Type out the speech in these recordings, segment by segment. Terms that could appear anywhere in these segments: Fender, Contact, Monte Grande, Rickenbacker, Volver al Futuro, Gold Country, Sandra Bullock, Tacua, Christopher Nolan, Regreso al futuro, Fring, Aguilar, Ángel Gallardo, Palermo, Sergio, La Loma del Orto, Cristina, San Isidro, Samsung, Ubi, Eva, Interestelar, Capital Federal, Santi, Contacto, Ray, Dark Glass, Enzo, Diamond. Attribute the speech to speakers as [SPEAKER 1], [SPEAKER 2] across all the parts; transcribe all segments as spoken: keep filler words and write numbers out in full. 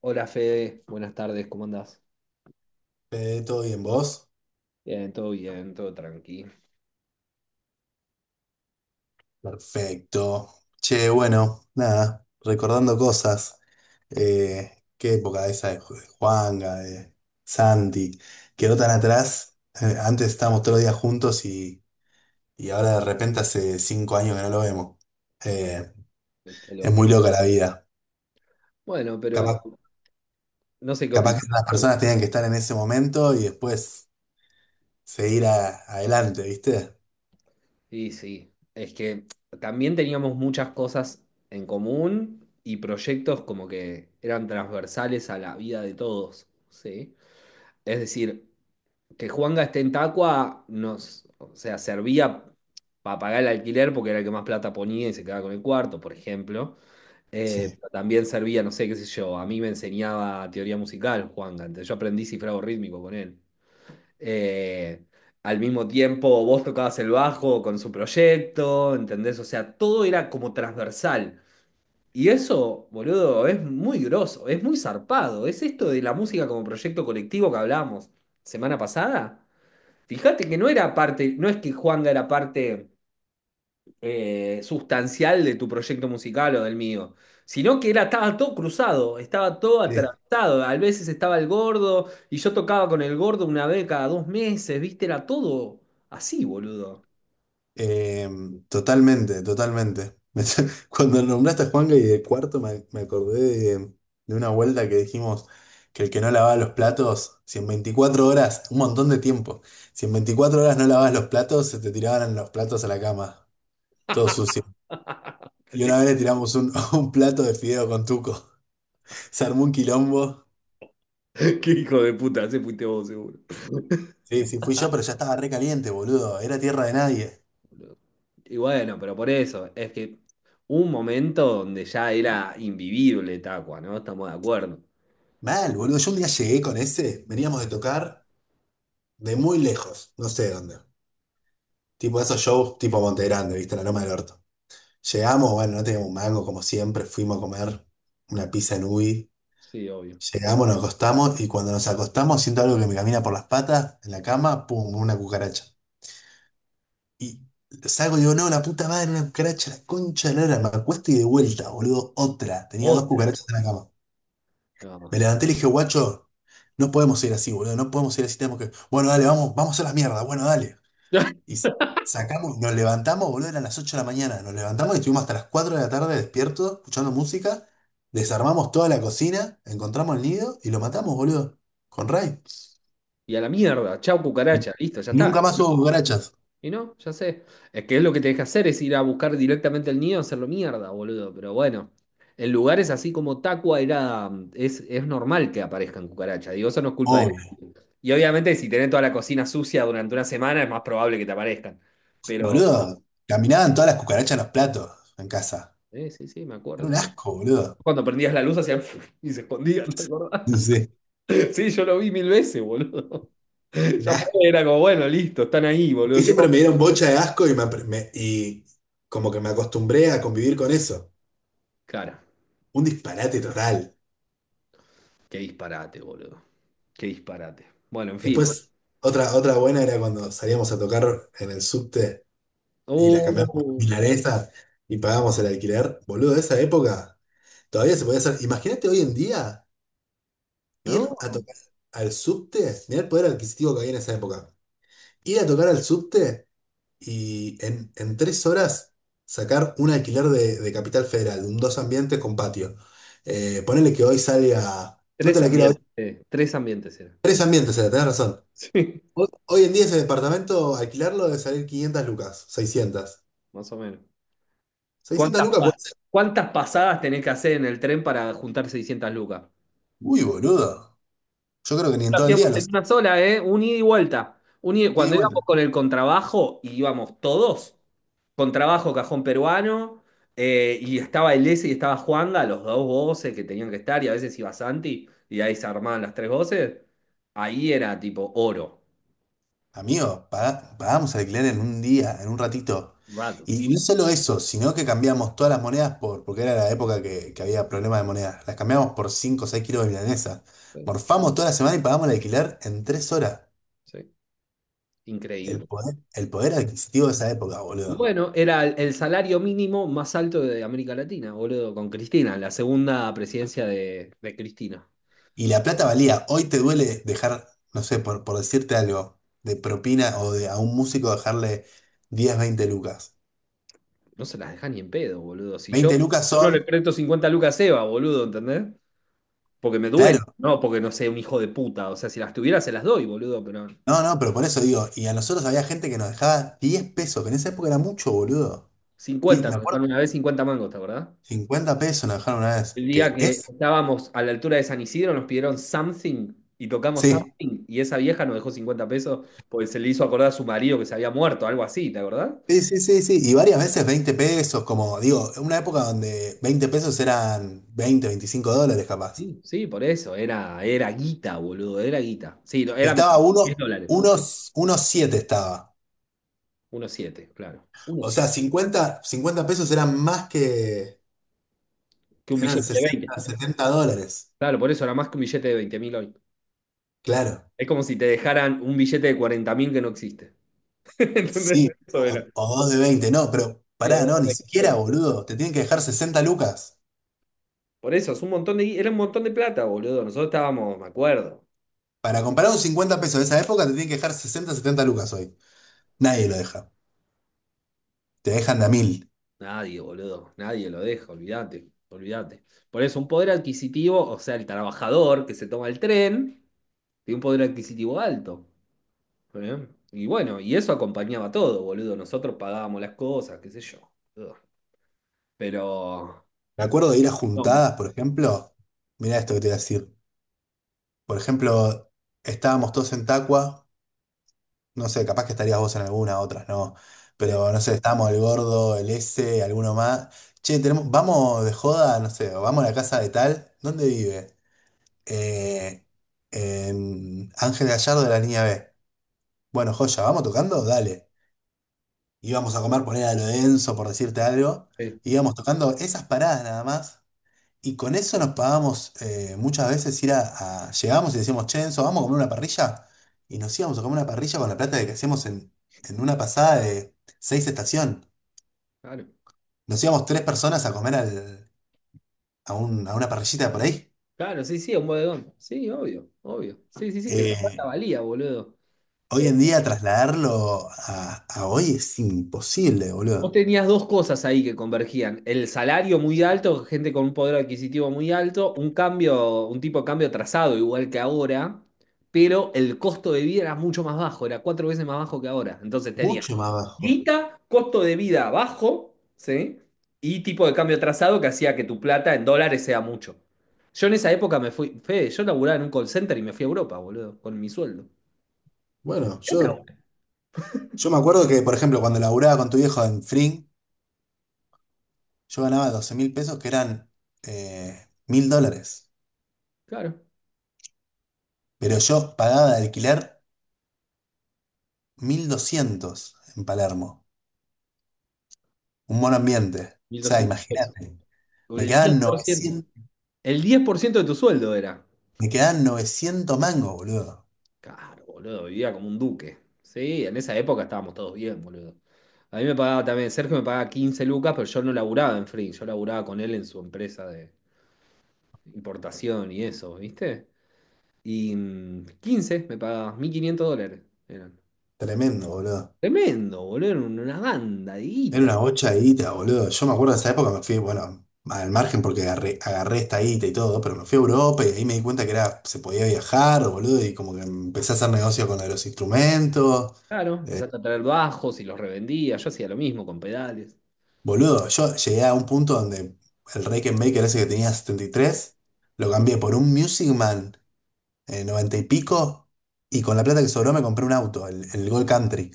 [SPEAKER 1] Hola Fede, buenas tardes, ¿cómo andás?
[SPEAKER 2] Eh, ¿todo bien vos?
[SPEAKER 1] Bien, todo bien, todo tranqui.
[SPEAKER 2] Perfecto. Che, bueno, nada, recordando cosas. Eh, qué época esa de Ju- de Juanga, de Santi. Quedó tan atrás. Eh, antes estábamos todos los días juntos y, y ahora de repente hace cinco años que no lo vemos. Eh,
[SPEAKER 1] Qué
[SPEAKER 2] es
[SPEAKER 1] loco.
[SPEAKER 2] muy loca la vida.
[SPEAKER 1] Bueno, pero
[SPEAKER 2] Capaz,
[SPEAKER 1] no sé qué
[SPEAKER 2] capaz que
[SPEAKER 1] opinas.
[SPEAKER 2] las personas tenían que estar en ese momento y después seguir a- adelante, ¿viste?
[SPEAKER 1] Sí, sí. Es que también teníamos muchas cosas en común y proyectos como que eran transversales a la vida de todos, ¿sí? Es decir, que Juanga esté en Tacua nos, o sea, servía para pagar el alquiler porque era el que más plata ponía y se quedaba con el cuarto, por ejemplo. Eh,
[SPEAKER 2] Sí.
[SPEAKER 1] pero también servía, no sé, qué sé yo, a mí me enseñaba teoría musical, Juan, antes yo aprendí cifrado rítmico con él. Eh, al mismo tiempo, vos tocabas el bajo con su proyecto, ¿entendés? O sea, todo era como transversal. Y eso, boludo, es muy groso, es muy zarpado. Es esto de la música como proyecto colectivo que hablábamos semana pasada. Fíjate que no era parte, no es que Juanga era parte eh, sustancial de tu proyecto musical o del mío, sino que era, estaba todo cruzado, estaba todo
[SPEAKER 2] Sí.
[SPEAKER 1] atravesado. A veces estaba el gordo y yo tocaba con el gordo una vez cada dos meses, ¿viste? Era todo así, boludo.
[SPEAKER 2] Eh, totalmente, totalmente. Me Cuando nombraste a Juanga y de cuarto me, me acordé de, de una vuelta que dijimos que el que no lavaba los platos, si en veinticuatro horas, un montón de tiempo, si en veinticuatro horas no lavabas los platos, se te tiraban los platos a la cama, todo sucio. Y
[SPEAKER 1] Sí.
[SPEAKER 2] una vez le tiramos un, un plato de fideo con tuco. Se armó un quilombo.
[SPEAKER 1] Qué hijo de puta, ese fuiste vos, seguro.
[SPEAKER 2] Sí, sí, fui yo, pero ya estaba re caliente, boludo. Era tierra de nadie.
[SPEAKER 1] Y bueno, pero por eso, es que un momento donde ya era invivible Tacua, ¿no? Estamos de acuerdo.
[SPEAKER 2] Mal, boludo. Yo un día llegué con ese, veníamos de tocar de muy lejos, no sé dónde. Tipo esos shows tipo Monte Grande, ¿viste? La Loma del Orto. Llegamos, bueno, no teníamos un mango como siempre, fuimos a comer una pizza en Ubi.
[SPEAKER 1] Sí, obvio.
[SPEAKER 2] Llegamos, nos acostamos y cuando nos acostamos siento algo que me camina por las patas en la cama, pum, una cucaracha. Y salgo y digo, no, la puta madre, una cucaracha, la concha de la lora. Me acuesto y de vuelta, boludo, otra. Tenía dos
[SPEAKER 1] Otra.
[SPEAKER 2] cucarachas en la cama.
[SPEAKER 1] No.
[SPEAKER 2] Me levanté y le dije, guacho, no podemos ir así, boludo, no podemos ir así, tenemos que... Bueno, dale, vamos, vamos a las mierdas, bueno, dale. Y sacamos, nos levantamos, boludo, eran las ocho de la mañana. Nos levantamos y estuvimos hasta las cuatro de la tarde despiertos, escuchando música. Desarmamos toda la cocina, encontramos el nido y lo matamos, boludo. Con Ray.
[SPEAKER 1] Y a la mierda, chau cucaracha, listo, ya
[SPEAKER 2] Y
[SPEAKER 1] está.
[SPEAKER 2] nunca más hubo cucarachas.
[SPEAKER 1] Y no, ya sé. Es que es lo que tenés que hacer, es ir a buscar directamente el nido, hacerlo mierda, boludo. Pero bueno, en lugares así como Tacua era, mm, es, es normal que aparezcan cucarachas. Digo, eso no es culpa de
[SPEAKER 2] Obvio.
[SPEAKER 1] nadie. Y obviamente si tenés toda la cocina sucia durante una semana es más probable que te aparezcan. Pero,
[SPEAKER 2] Boludo, caminaban todas las cucarachas en los platos en casa.
[SPEAKER 1] eh, sí, sí, me
[SPEAKER 2] Era
[SPEAKER 1] acuerdo.
[SPEAKER 2] un asco, boludo.
[SPEAKER 1] Cuando prendías la luz hacían y se escondían, ¿te acordás?
[SPEAKER 2] Sí.
[SPEAKER 1] Sí, yo lo vi mil veces, boludo.
[SPEAKER 2] Un
[SPEAKER 1] Ya
[SPEAKER 2] asco.
[SPEAKER 1] fue, era como, bueno, listo, están ahí,
[SPEAKER 2] Y
[SPEAKER 1] boludo. Qué...
[SPEAKER 2] siempre me dieron bocha de asco y, me, apre- me- y como que me acostumbré a convivir con eso.
[SPEAKER 1] Cara,
[SPEAKER 2] Un disparate total.
[SPEAKER 1] qué disparate, boludo. Qué disparate. Bueno, en fin.
[SPEAKER 2] Después, otra, otra buena era cuando salíamos a tocar en el subte y las cambiamos por
[SPEAKER 1] Oh,
[SPEAKER 2] milanesas y pagamos el alquiler. Boludo, de esa época todavía se podía hacer. Imagínate hoy en día ir a
[SPEAKER 1] no.
[SPEAKER 2] tocar al subte. Mirá el poder adquisitivo que había en esa época. Ir a tocar al subte y en, en tres horas sacar un alquiler de, de Capital Federal, un dos ambientes con patio. Eh, ponele que hoy salga. No te
[SPEAKER 1] Tres
[SPEAKER 2] la quiero hoy.
[SPEAKER 1] ambientes, eh, tres ambientes era.
[SPEAKER 2] Tres ambientes, era, tenés razón.
[SPEAKER 1] Sí,
[SPEAKER 2] Hoy hoy en día ese departamento, alquilarlo debe salir quinientas lucas, seiscientas.
[SPEAKER 1] más o menos.
[SPEAKER 2] seiscientas
[SPEAKER 1] ¿Cuántas,
[SPEAKER 2] lucas
[SPEAKER 1] pa-
[SPEAKER 2] puede ser.
[SPEAKER 1] cuántas pasadas tenés que hacer en el tren para juntar seiscientas lucas?
[SPEAKER 2] Uy, boludo. Yo creo que ni en
[SPEAKER 1] Lo
[SPEAKER 2] todo el día
[SPEAKER 1] Hacíamos en
[SPEAKER 2] los.
[SPEAKER 1] una sola, ¿eh? Un ida y vuelta. Un ida-
[SPEAKER 2] Y de
[SPEAKER 1] Cuando íbamos
[SPEAKER 2] vuelta.
[SPEAKER 1] con el contrabajo, íbamos todos. Contrabajo, cajón peruano, eh, y estaba el ese y estaba Juanga, los dos voces que tenían que estar, y a veces iba Santi, y ahí se armaban las tres voces. Ahí era tipo oro.
[SPEAKER 2] Amigo, pagá- pagamos alquiler en un día, en un ratito.
[SPEAKER 1] Raro.
[SPEAKER 2] Y no solo eso, sino que cambiamos todas las monedas por, porque era la época que, que había problemas de monedas. Las cambiamos por cinco o seis kilos de milanesa.
[SPEAKER 1] Sí,
[SPEAKER 2] Morfamos toda la semana y pagamos el alquiler en tres horas.
[SPEAKER 1] sí.
[SPEAKER 2] El
[SPEAKER 1] Increíble.
[SPEAKER 2] poder, el poder adquisitivo de esa época, boludo.
[SPEAKER 1] Bueno, era el el salario mínimo más alto de América Latina, boludo, con Cristina, la segunda presidencia de, de Cristina.
[SPEAKER 2] Y la plata valía. Hoy te duele dejar, no sé, por, por decirte algo, de propina o de a un músico dejarle diez veinte lucas.
[SPEAKER 1] No se las deja ni en pedo, boludo. Si yo
[SPEAKER 2] Veinte lucas
[SPEAKER 1] no le
[SPEAKER 2] son,
[SPEAKER 1] presto cincuenta lucas a Eva, boludo, ¿entendés? Porque me duele,
[SPEAKER 2] claro,
[SPEAKER 1] no porque no sea un hijo de puta. O sea, si las tuviera se las doy, boludo, pero
[SPEAKER 2] no, no, pero por eso digo, y a nosotros había gente que nos dejaba diez pesos, que en esa época era mucho, boludo. diez
[SPEAKER 1] cincuenta,
[SPEAKER 2] me
[SPEAKER 1] nos
[SPEAKER 2] acuerdo,
[SPEAKER 1] dejaron una vez cincuenta mangos, ¿te acordás?
[SPEAKER 2] cincuenta pesos nos dejaron una
[SPEAKER 1] El
[SPEAKER 2] vez,
[SPEAKER 1] día
[SPEAKER 2] que
[SPEAKER 1] que
[SPEAKER 2] es,
[SPEAKER 1] estábamos a la altura de San Isidro nos pidieron something y tocamos
[SPEAKER 2] sí,
[SPEAKER 1] something y esa vieja nos dejó cincuenta pesos porque se le hizo acordar a su marido que se había muerto, algo así, ¿te acordás?
[SPEAKER 2] sí, sí, sí, sí, y varias veces veinte pesos, como digo, en una época donde veinte pesos eran veinte veinticinco dólares capaz.
[SPEAKER 1] Sí, sí, por eso, era, era guita, boludo, era guita. Sí, no, era menos,
[SPEAKER 2] Estaba
[SPEAKER 1] 10
[SPEAKER 2] uno,
[SPEAKER 1] dólares, pone. uno
[SPEAKER 2] unos, unos siete estaba.
[SPEAKER 1] coma siete claro. uno coma
[SPEAKER 2] O
[SPEAKER 1] siete
[SPEAKER 2] sea, cincuenta cincuenta pesos eran más que,
[SPEAKER 1] Que un
[SPEAKER 2] eran
[SPEAKER 1] billete de veinte.
[SPEAKER 2] sesenta setenta dólares.
[SPEAKER 1] Claro, por eso era más que un billete de veinte mil hoy.
[SPEAKER 2] Claro,
[SPEAKER 1] Es como si te dejaran un billete de cuarenta mil que no existe. ¿Entendés?
[SPEAKER 2] sí,
[SPEAKER 1] Eso era.
[SPEAKER 2] o, o dos de veinte no, pero
[SPEAKER 1] Sí, o
[SPEAKER 2] pará,
[SPEAKER 1] dos
[SPEAKER 2] no,
[SPEAKER 1] de
[SPEAKER 2] ni
[SPEAKER 1] veinte,
[SPEAKER 2] siquiera,
[SPEAKER 1] claro.
[SPEAKER 2] boludo. Te tienen que dejar sesenta lucas.
[SPEAKER 1] Por eso, es un montón de, gui- era un montón de plata, boludo. Nosotros estábamos, me acuerdo.
[SPEAKER 2] Para comprar un cincuenta pesos de esa época, te tienen que dejar sesenta setenta lucas hoy. Nadie lo deja. Te dejan de a mil.
[SPEAKER 1] Nadie, boludo, nadie lo deja, olvídate, olvídate. Por eso, un poder adquisitivo, o sea, el trabajador que se toma el tren, tiene un poder adquisitivo alto. ¿Eh? Y bueno, y eso acompañaba todo, boludo. Nosotros pagábamos las cosas, qué sé yo. Ugh. Pero...
[SPEAKER 2] Me acuerdo de ir a
[SPEAKER 1] No,
[SPEAKER 2] juntadas, por ejemplo. Mirá esto que te voy a decir. Por ejemplo, estábamos todos en Tacua. No sé, capaz que estarías vos en alguna, otras no.
[SPEAKER 1] sí,
[SPEAKER 2] Pero no sé, estamos el gordo, el S, alguno más. Che, tenemos, vamos de joda, no sé, o vamos a la casa de tal. ¿Dónde vive? Eh, en Ángel Gallardo de la línea B. Bueno, joya, ¿vamos tocando? Dale. Íbamos a comer, poner a lo denso, por decirte algo.
[SPEAKER 1] sí,
[SPEAKER 2] Íbamos tocando esas paradas nada más. Y con eso nos pagamos eh, muchas veces ir a, a- Llegamos y decíamos, che, Enzo, vamos a comer una parrilla. Y nos íbamos a comer una parrilla con la plata de que hacíamos en, en, una pasada de seis estación.
[SPEAKER 1] claro.
[SPEAKER 2] Nos íbamos tres personas a comer al- a, un- a una parrillita por ahí.
[SPEAKER 1] Claro, sí, sí, un bodegón. Sí, obvio, obvio. Sí, sí, sí, que la plata
[SPEAKER 2] Eh,
[SPEAKER 1] valía, boludo.
[SPEAKER 2] hoy en día trasladarlo a, a hoy es imposible,
[SPEAKER 1] Vos
[SPEAKER 2] boludo.
[SPEAKER 1] tenías dos cosas ahí que convergían. El salario muy alto, gente con un poder adquisitivo muy alto, un cambio, un tipo de cambio trazado igual que ahora, pero el costo de vida era mucho más bajo, era cuatro veces más bajo que ahora. Entonces tenía
[SPEAKER 2] Mucho más bajo.
[SPEAKER 1] guita, costo de vida bajo, ¿sí? Y tipo de cambio trazado que hacía que tu plata en dólares sea mucho. Yo en esa época me fui, Fede, yo laburaba en un call center y me fui a Europa, boludo, con mi sueldo.
[SPEAKER 2] Bueno,
[SPEAKER 1] ¿Qué te hago?
[SPEAKER 2] yo, yo me acuerdo que, por ejemplo, cuando laburaba con tu viejo en Fring, yo ganaba doce mil pesos que eran eh, mil dólares.
[SPEAKER 1] Claro,
[SPEAKER 2] Pero yo pagaba de alquiler mil doscientos en Palermo, un buen ambiente. O
[SPEAKER 1] mil
[SPEAKER 2] sea,
[SPEAKER 1] doscientos pesos.
[SPEAKER 2] imagínate, me
[SPEAKER 1] El diez
[SPEAKER 2] quedaban
[SPEAKER 1] por ciento.
[SPEAKER 2] novecientos
[SPEAKER 1] El diez por ciento de tu sueldo era.
[SPEAKER 2] me quedaban novecientos mangos, boludo.
[SPEAKER 1] Claro, boludo, vivía como un duque. Sí, en esa época estábamos todos bien, boludo. A mí me pagaba también, Sergio me pagaba quince lucas, pero yo no laburaba en Free, yo laburaba con él en su empresa de importación y eso, ¿viste? Y mm, quince me pagaba, mil quinientos dólares eran.
[SPEAKER 2] Tremendo, boludo.
[SPEAKER 1] Tremendo, boludo, era una banda de
[SPEAKER 2] Era
[SPEAKER 1] guita.
[SPEAKER 2] una bocha de guita, boludo. Yo me acuerdo de esa época, me fui, bueno, al margen porque agarré, agarré esta guita y todo, pero me fui a Europa y ahí me di cuenta que era, se podía viajar, boludo, y como que empecé a hacer negocio con los instrumentos.
[SPEAKER 1] Claro, empezaste a traer bajos y los revendía, yo hacía lo mismo con pedales.
[SPEAKER 2] Boludo, yo llegué a un punto donde el Maker ese que tenía setenta y tres lo cambié por un Music Man eh, noventa y pico, y con la plata que sobró me compré un auto, el, el Gold Country,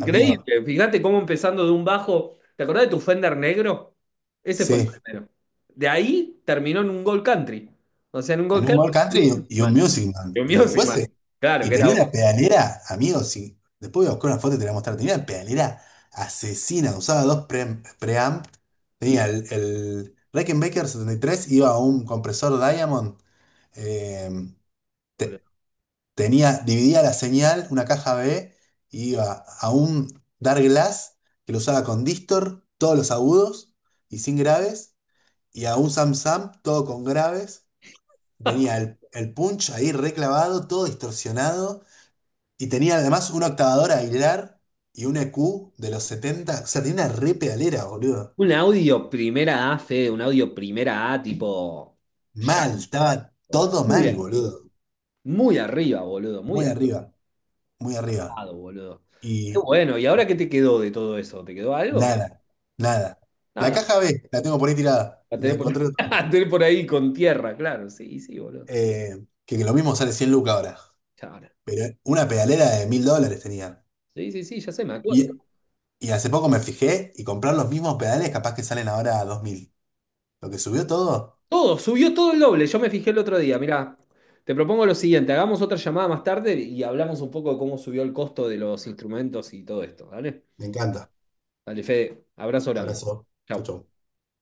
[SPEAKER 2] amigo,
[SPEAKER 1] Fíjate cómo empezando de un bajo. ¿Te acordás de tu Fender negro? Ese fue el
[SPEAKER 2] sí,
[SPEAKER 1] primero. De ahí terminó en un Gold Country. O sea, en un
[SPEAKER 2] en
[SPEAKER 1] Gold
[SPEAKER 2] un
[SPEAKER 1] Country.
[SPEAKER 2] Gold
[SPEAKER 1] Un Music
[SPEAKER 2] Country y un
[SPEAKER 1] Man.
[SPEAKER 2] Music Man,
[SPEAKER 1] Un
[SPEAKER 2] y
[SPEAKER 1] Music
[SPEAKER 2] después,
[SPEAKER 1] Man.
[SPEAKER 2] eh,
[SPEAKER 1] Claro,
[SPEAKER 2] y
[SPEAKER 1] que era.
[SPEAKER 2] tenía una pedalera, amigo, sí, después voy a buscar una foto y te la voy a mostrar, tenía una pedalera asesina, usaba dos pre- preamp, tenía el, el Rickenbacker setenta y tres iba a un compresor Diamond, eh,
[SPEAKER 1] Boludo.
[SPEAKER 2] tenía, dividía la señal, una caja B, y iba a un Dark Glass que lo usaba con Distor, todos los agudos y sin graves, y a un Samsung, todo con graves. Tenía el, el punch ahí reclavado, todo distorsionado, y tenía además una octavadora Aguilar y un E Q de los setenta. O sea, tenía una re pedalera, boludo.
[SPEAKER 1] Un audio primera A, Fede, un audio primera A tipo
[SPEAKER 2] Mal,
[SPEAKER 1] llanto.
[SPEAKER 2] estaba todo
[SPEAKER 1] Muy
[SPEAKER 2] mal,
[SPEAKER 1] arriba.
[SPEAKER 2] boludo.
[SPEAKER 1] Muy arriba, boludo. Muy
[SPEAKER 2] Muy arriba, muy arriba.
[SPEAKER 1] arribado, boludo. Qué
[SPEAKER 2] Y
[SPEAKER 1] bueno. ¿Y ahora qué te quedó de todo eso? ¿Te quedó algo?
[SPEAKER 2] Nada, nada. La
[SPEAKER 1] Nada.
[SPEAKER 2] caja B, la tengo por ahí tirada.
[SPEAKER 1] La
[SPEAKER 2] La
[SPEAKER 1] tenés por,
[SPEAKER 2] encontré el otro día.
[SPEAKER 1] la tenés por ahí con tierra, claro. Sí, sí, boludo.
[SPEAKER 2] Eh, que, que lo mismo sale cien lucas ahora.
[SPEAKER 1] Chao.
[SPEAKER 2] Pero una pedalera de mil dólares tenía.
[SPEAKER 1] Sí, sí, sí, ya sé, me acuerdo.
[SPEAKER 2] Y, y hace poco me fijé y comprar los mismos pedales capaz que salen ahora a dos mil. Lo que subió todo,
[SPEAKER 1] Todo, subió todo el doble. Yo me fijé el otro día. Mirá, te propongo lo siguiente: hagamos otra llamada más tarde y hablamos un poco de cómo subió el costo de los instrumentos y todo esto. ¿Dale?
[SPEAKER 2] me encanta.
[SPEAKER 1] Dale, Fede, abrazo grande.
[SPEAKER 2] Abrazo. Chau,
[SPEAKER 1] Chau.
[SPEAKER 2] chau.